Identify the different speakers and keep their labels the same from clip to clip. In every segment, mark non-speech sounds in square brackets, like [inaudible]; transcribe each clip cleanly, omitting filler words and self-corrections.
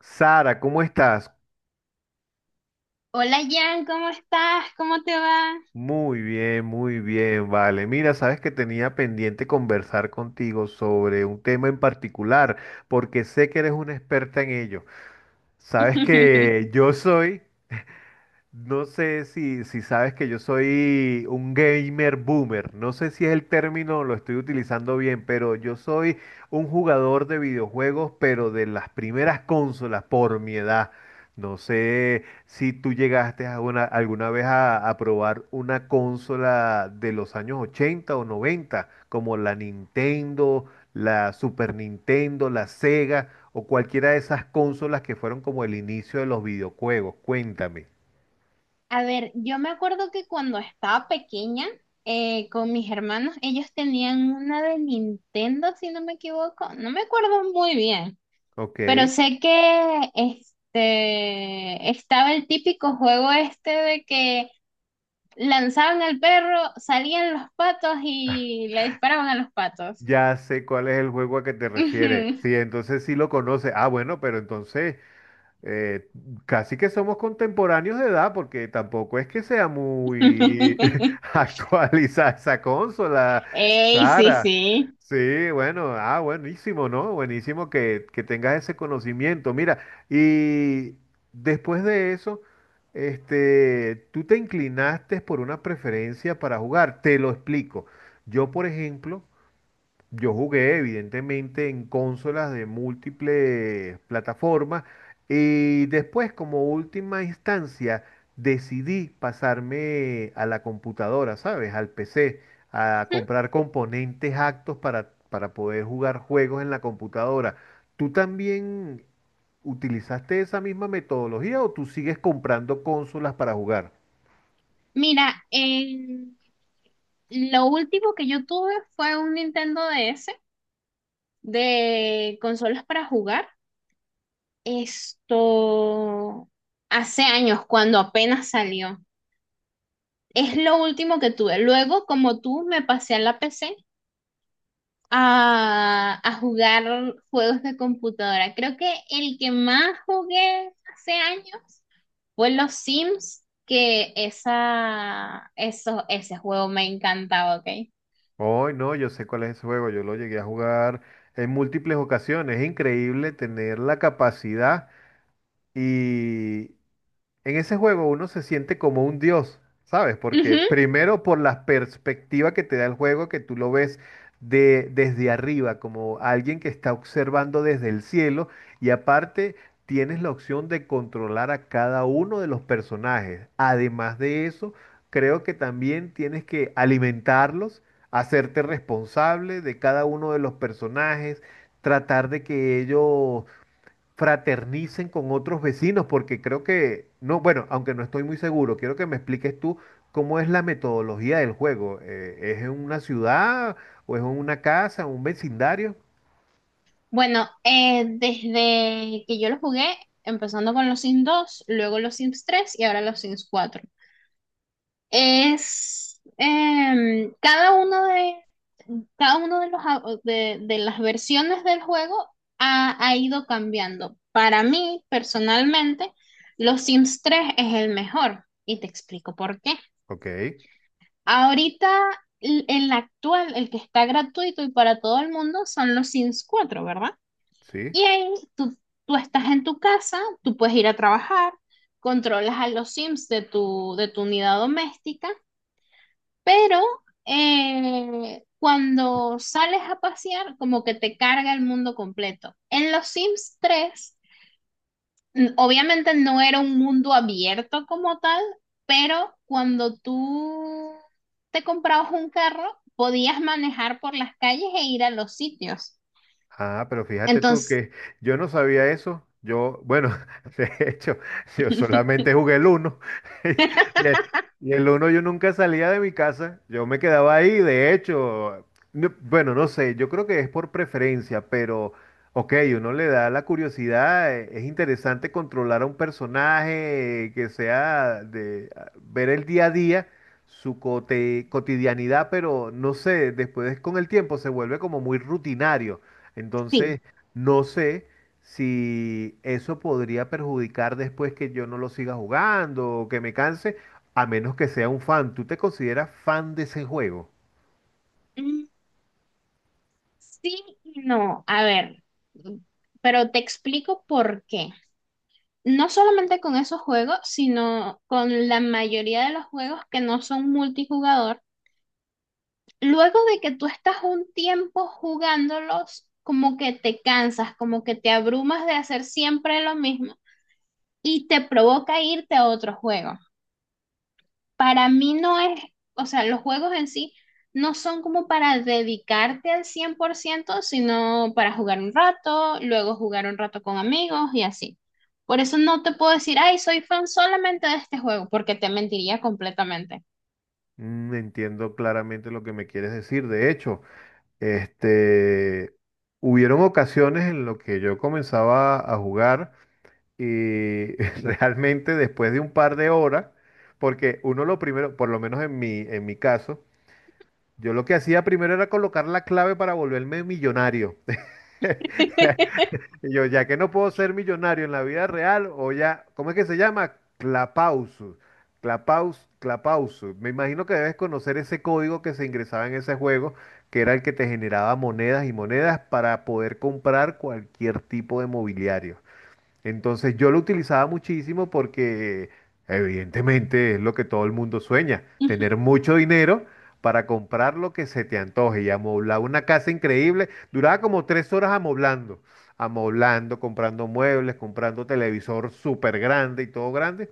Speaker 1: Sara, ¿cómo estás?
Speaker 2: Hola Jan, ¿cómo estás? ¿Cómo te va?
Speaker 1: Muy bien, vale. Mira, sabes que tenía pendiente conversar contigo sobre un tema en particular, porque sé que eres una experta en ello. Sabes
Speaker 2: [laughs]
Speaker 1: que yo soy. No sé si sabes que yo soy un gamer boomer. No sé si es el término, lo estoy utilizando bien, pero yo soy un jugador de videojuegos, pero de las primeras consolas por mi edad. No sé si tú llegaste alguna vez a probar una consola de los años 80 o 90, como la Nintendo, la Super Nintendo, la Sega o cualquiera de esas consolas que fueron como el inicio de los videojuegos. Cuéntame.
Speaker 2: A ver, yo me acuerdo que cuando estaba pequeña con mis hermanos, ellos tenían una de Nintendo, si no me equivoco. No me acuerdo muy bien,
Speaker 1: Ok,
Speaker 2: pero sé que este estaba el típico juego este de que lanzaban al perro, salían los patos y le disparaban a los patos.
Speaker 1: ya sé cuál es el juego a que te refieres.
Speaker 2: Ujú.
Speaker 1: Sí, entonces sí lo conoce. Ah, bueno, pero entonces eh, casi que somos contemporáneos de edad, porque tampoco es que sea muy [laughs]
Speaker 2: [laughs]
Speaker 1: actualizada esa consola,
Speaker 2: Ey, sí,
Speaker 1: Sara.
Speaker 2: sí.
Speaker 1: Sí, bueno, buenísimo, ¿no? Buenísimo que tengas ese conocimiento. Mira, y después de eso, tú te inclinaste por una preferencia para jugar. Te lo explico. Yo, por ejemplo. Yo jugué, evidentemente, en consolas de múltiples plataformas y después, como última instancia, decidí pasarme a la computadora, ¿sabes? Al PC, a
Speaker 2: Ujú.
Speaker 1: comprar componentes actos para poder jugar juegos en la computadora. ¿Tú también utilizaste esa misma metodología o tú sigues comprando consolas para jugar?
Speaker 2: Mira, lo último que yo tuve fue un Nintendo DS de consolas para jugar. Esto hace años, cuando apenas salió. Es lo último que tuve. Luego, como tú, me pasé a la PC a, jugar juegos de computadora. Creo que el que más jugué hace años fue los Sims, que esa, eso, ese juego me encantaba, ¿ok?
Speaker 1: Hoy no, yo sé cuál es ese juego, yo lo llegué a jugar en múltiples ocasiones. Es increíble tener la capacidad y, en ese juego uno se siente como un dios, ¿sabes? Porque
Speaker 2: Ujú.
Speaker 1: primero por la perspectiva que te da el juego, que tú lo ves desde arriba, como alguien que está observando desde el cielo, y aparte tienes la opción de controlar a cada uno de los personajes. Además de eso, creo que también tienes que alimentarlos, hacerte responsable de cada uno de los personajes, tratar de que ellos fraternicen con otros vecinos, porque creo que, no, bueno, aunque no estoy muy seguro, quiero que me expliques tú cómo es la metodología del juego. ¿Es en una ciudad o es en una casa, un vecindario?
Speaker 2: Bueno, desde que yo lo jugué, empezando con los Sims 2, luego los Sims 3 y ahora los Sims cuatro, es cada uno de los de, las versiones del juego ha, ido cambiando. Para mí, personalmente, los Sims 3 es el mejor y te explico por qué.
Speaker 1: Ok,
Speaker 2: Ahorita el actual, el que está gratuito y para todo el mundo son los Sims cuatro, ¿verdad?
Speaker 1: sí.
Speaker 2: Y ahí tú, tú estás en tu casa, tú puedes ir a trabajar, controlas a los Sims de tu unidad doméstica, pero cuando sales a pasear, como que te carga el mundo completo. En los Sims 3 obviamente no era un mundo abierto como tal, pero cuando tú te comprabas un carro, podías manejar por las calles e ir a los sitios.
Speaker 1: Ah, pero fíjate tú
Speaker 2: Entonces,
Speaker 1: que yo no sabía eso. Yo, bueno, [laughs] de hecho, yo
Speaker 2: [laughs]
Speaker 1: solamente jugué el uno. [laughs] Y el, y el uno yo nunca salía de mi casa. Yo me quedaba ahí, de hecho. No, bueno, no sé, yo creo que es por preferencia, pero, ok, uno le da la curiosidad. Es interesante controlar a un personaje que sea de ver el día a día, su cotidianidad, pero no sé, después con el tiempo se vuelve como muy rutinario. Entonces,
Speaker 2: sí.
Speaker 1: no sé si eso podría perjudicar después que yo no lo siga jugando o que me canse, a menos que sea un fan. ¿Tú te consideras fan de ese juego?
Speaker 2: Sí y no, a ver, mm, pero te explico por qué. No solamente con esos juegos, sino con la mayoría de los juegos que no son multijugador. Luego de que tú estás un tiempo jugándolos, como que te cansas, como que te abrumas de hacer siempre lo mismo y te provoca irte a otro juego. Para mí no es, o sea, los juegos en sí no son como para dedicarte al 100%, sino para jugar un rato, luego jugar un rato con amigos y así. Por eso no te puedo decir, ay, soy fan solamente de este juego, porque te mentiría completamente.
Speaker 1: Mm, entiendo claramente lo que me quieres decir. De hecho, este, hubieron ocasiones en las que yo comenzaba a jugar y [laughs] realmente después de un par de horas, porque uno lo primero, por lo menos en en mi caso, yo lo que hacía primero era colocar la clave para volverme millonario.
Speaker 2: [laughs]
Speaker 1: [laughs] Y yo, ya que no puedo ser millonario en la vida real, o ya, ¿cómo es que se llama? Clapausus. Clapaus, Clapausus. Me imagino que debes conocer ese código que se ingresaba en ese juego, que era el que te generaba monedas y monedas para poder comprar cualquier tipo de mobiliario. Entonces yo lo utilizaba muchísimo porque evidentemente es lo que todo el mundo sueña,
Speaker 2: Ujú.
Speaker 1: tener mucho dinero para comprar lo que se te antoje y amoblar una casa increíble. Duraba como tres horas amoblando, comprando muebles, comprando televisor súper grande y todo grande.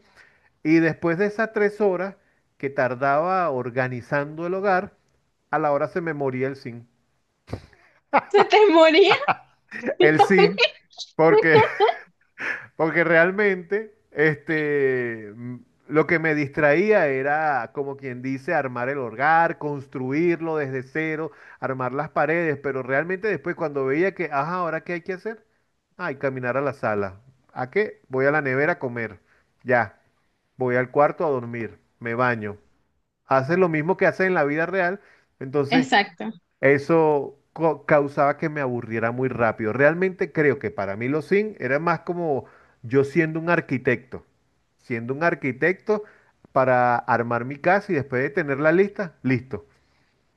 Speaker 1: Y después de esas tres horas que tardaba organizando el hogar, a la hora se me moría el zinc.
Speaker 2: ¿Se te moría?
Speaker 1: El zinc,
Speaker 2: [laughs]
Speaker 1: porque porque realmente, mm, lo que me distraía era, como quien dice, armar el hogar, construirlo desde cero, armar las paredes, pero realmente después cuando veía que, ajá, ¿ahora qué hay que hacer? Ay, caminar a la sala. ¿A qué? Voy a la nevera a comer. Ya, voy al cuarto a dormir, me baño. Haces lo mismo que haces en la vida real, entonces
Speaker 2: Exacto.
Speaker 1: eso causaba que me aburriera muy rápido. Realmente creo que para mí los Sims era más como yo siendo un arquitecto, siendo un arquitecto, para armar mi casa y después de tener la lista, listo.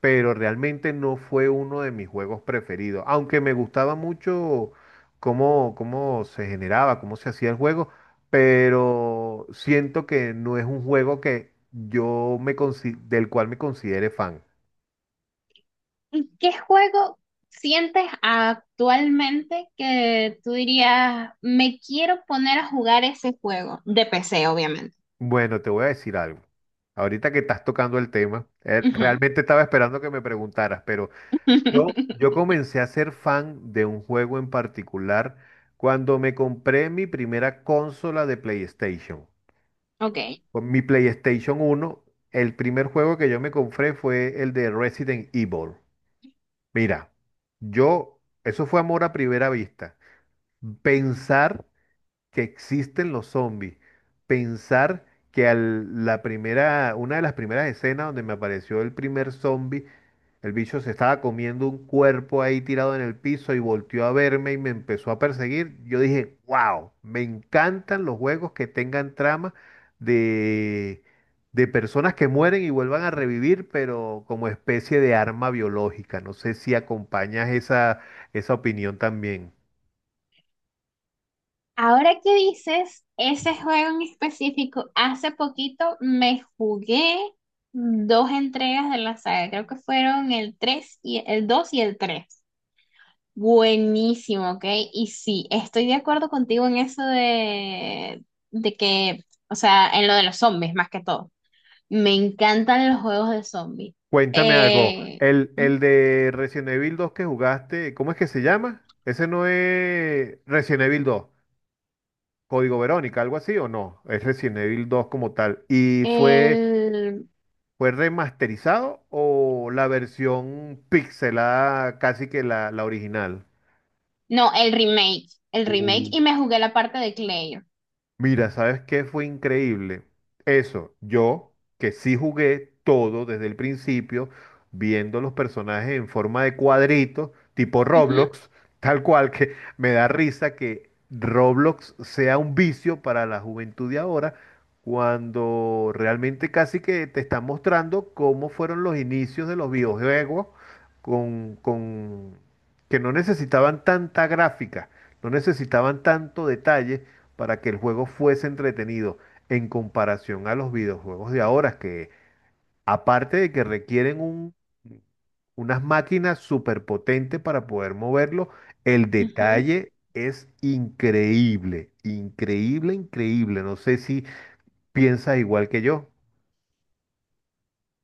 Speaker 1: Pero realmente no fue uno de mis juegos preferidos, aunque me gustaba mucho cómo se generaba, cómo se hacía el juego, pero siento que no es un juego que yo me del cual me considere fan.
Speaker 2: ¿Qué juego sientes actualmente que tú dirías, me quiero poner a jugar ese juego? De PC, obviamente.
Speaker 1: Bueno, te voy a decir algo. Ahorita que estás tocando el tema,
Speaker 2: Ujú.
Speaker 1: realmente estaba esperando que me preguntaras, pero yo
Speaker 2: [laughs]
Speaker 1: comencé a ser fan de un juego en particular cuando me compré mi primera consola de PlayStation.
Speaker 2: Ok.
Speaker 1: Con mi PlayStation uno, el primer juego que yo me compré fue el de Resident Evil. Mira, yo, eso fue amor a primera vista. Pensar que existen los zombies. Pensar que la primera, una de las primeras escenas donde me apareció el primer zombie, el bicho se estaba comiendo un cuerpo ahí tirado en el piso y volteó a verme y me empezó a perseguir. Yo dije, wow, me encantan los juegos que tengan trama de, de personas que mueren y vuelvan a revivir, pero como especie de arma biológica. No sé si acompañas esa opinión también.
Speaker 2: Ahora que dices, ese juego en específico, hace poquito me jugué dos entregas de la saga. Creo que fueron el 3 y el 2 y el 3. Buenísimo, ok. Y sí, estoy de acuerdo contigo en eso de que, o sea, en lo de los zombies más que todo. Me encantan los juegos de zombies.
Speaker 1: Cuéntame algo.
Speaker 2: Eh,
Speaker 1: El de Resident Evil dos que jugaste, ¿cómo es que se llama? Ese no es Resident Evil dos. Código Verónica, algo así o no. Es Resident Evil dos como tal. ¿Y
Speaker 2: el,
Speaker 1: fue remasterizado o la versión pixelada casi que la original?
Speaker 2: no, el remake. El remake y me jugué la parte de Claire.
Speaker 1: Mira, ¿sabes qué fue increíble? Eso, yo que sí jugué todo desde el principio, viendo los personajes en forma de cuadritos, tipo
Speaker 2: Ujú,
Speaker 1: Roblox, [laughs] tal cual que me da risa que Roblox sea un vicio para la juventud de ahora, cuando realmente casi que te están mostrando cómo fueron los inicios de los videojuegos con que no necesitaban tanta gráfica, no necesitaban tanto detalle para que el juego fuese entretenido en comparación a los videojuegos de ahora, que aparte de que requieren unas máquinas superpotentes para poder moverlo, el
Speaker 2: ujú.
Speaker 1: detalle es increíble, increíble, increíble. No sé si piensas igual que yo.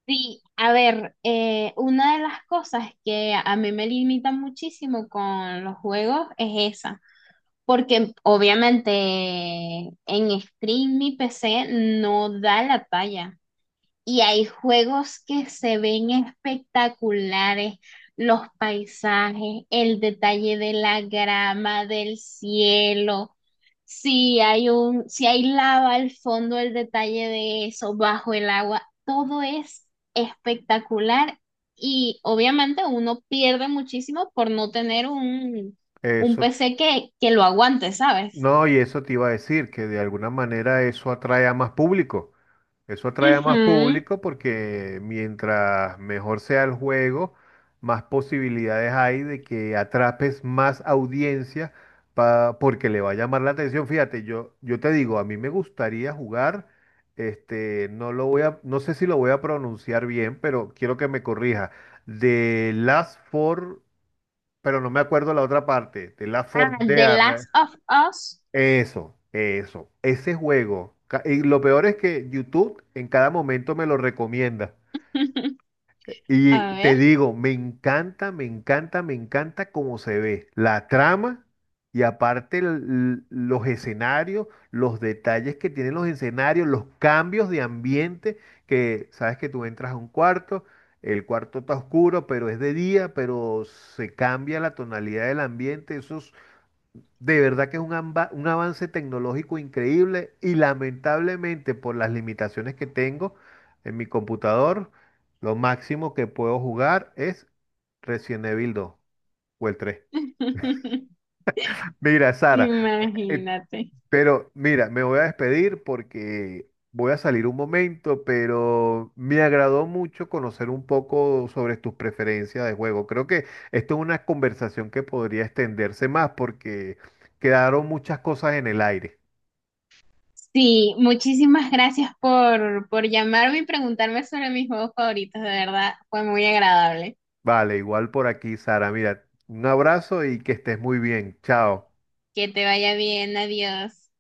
Speaker 2: Sí, a ver, una de las cosas que a mí me limita muchísimo con los juegos es esa, porque obviamente en stream mi PC no da la talla. Y hay juegos que se ven espectaculares, los paisajes, el detalle de la grama, del cielo. Si hay un, si hay lava al fondo, el detalle de eso, bajo el agua, todo es espectacular y obviamente uno pierde muchísimo por no tener un
Speaker 1: Eso
Speaker 2: PC que lo aguante, ¿sabes?
Speaker 1: No, y eso te iba a decir, que de alguna manera eso atrae a más público. Eso atrae a más
Speaker 2: Ujú.
Speaker 1: público porque mientras mejor sea el juego, más posibilidades hay de que atrapes más audiencia porque le va a llamar la atención. Fíjate, yo te digo, a mí me gustaría jugar, no lo voy a, no sé si lo voy a pronunciar bien, pero quiero que me corrija. De Last Four, pero no me acuerdo la otra parte, de Last Four
Speaker 2: Ah, The Last
Speaker 1: Dead.
Speaker 2: of Us.
Speaker 1: Eso, ese juego. Y lo peor es que YouTube en cada momento me lo recomienda.
Speaker 2: [laughs]
Speaker 1: Y
Speaker 2: A
Speaker 1: te
Speaker 2: ver.
Speaker 1: digo, me encanta, me encanta, me encanta cómo se ve la trama y aparte los escenarios, los detalles que tienen los escenarios, los cambios de ambiente, que sabes que tú entras a un cuarto, el cuarto está oscuro, pero es de día, pero se cambia la tonalidad del ambiente, eso de verdad que es un, un avance tecnológico increíble y lamentablemente por las limitaciones que tengo en mi computador, lo máximo que puedo jugar es Resident Evil 2 o el 3.
Speaker 2: [laughs]
Speaker 1: Mira, Sara, eh,
Speaker 2: Imagínate.
Speaker 1: pero mira, me voy a despedir porque voy a salir un momento, pero me agradó mucho conocer un poco sobre tus preferencias de juego. Creo que esto es una conversación que podría extenderse más porque quedaron muchas cosas en el aire.
Speaker 2: Sí, muchísimas gracias por llamarme y preguntarme sobre mis juegos favoritos, de verdad, fue muy agradable.
Speaker 1: Vale, igual por aquí, Sara. Mira, un abrazo y que estés muy bien. Chao.
Speaker 2: Que te vaya bien, adiós.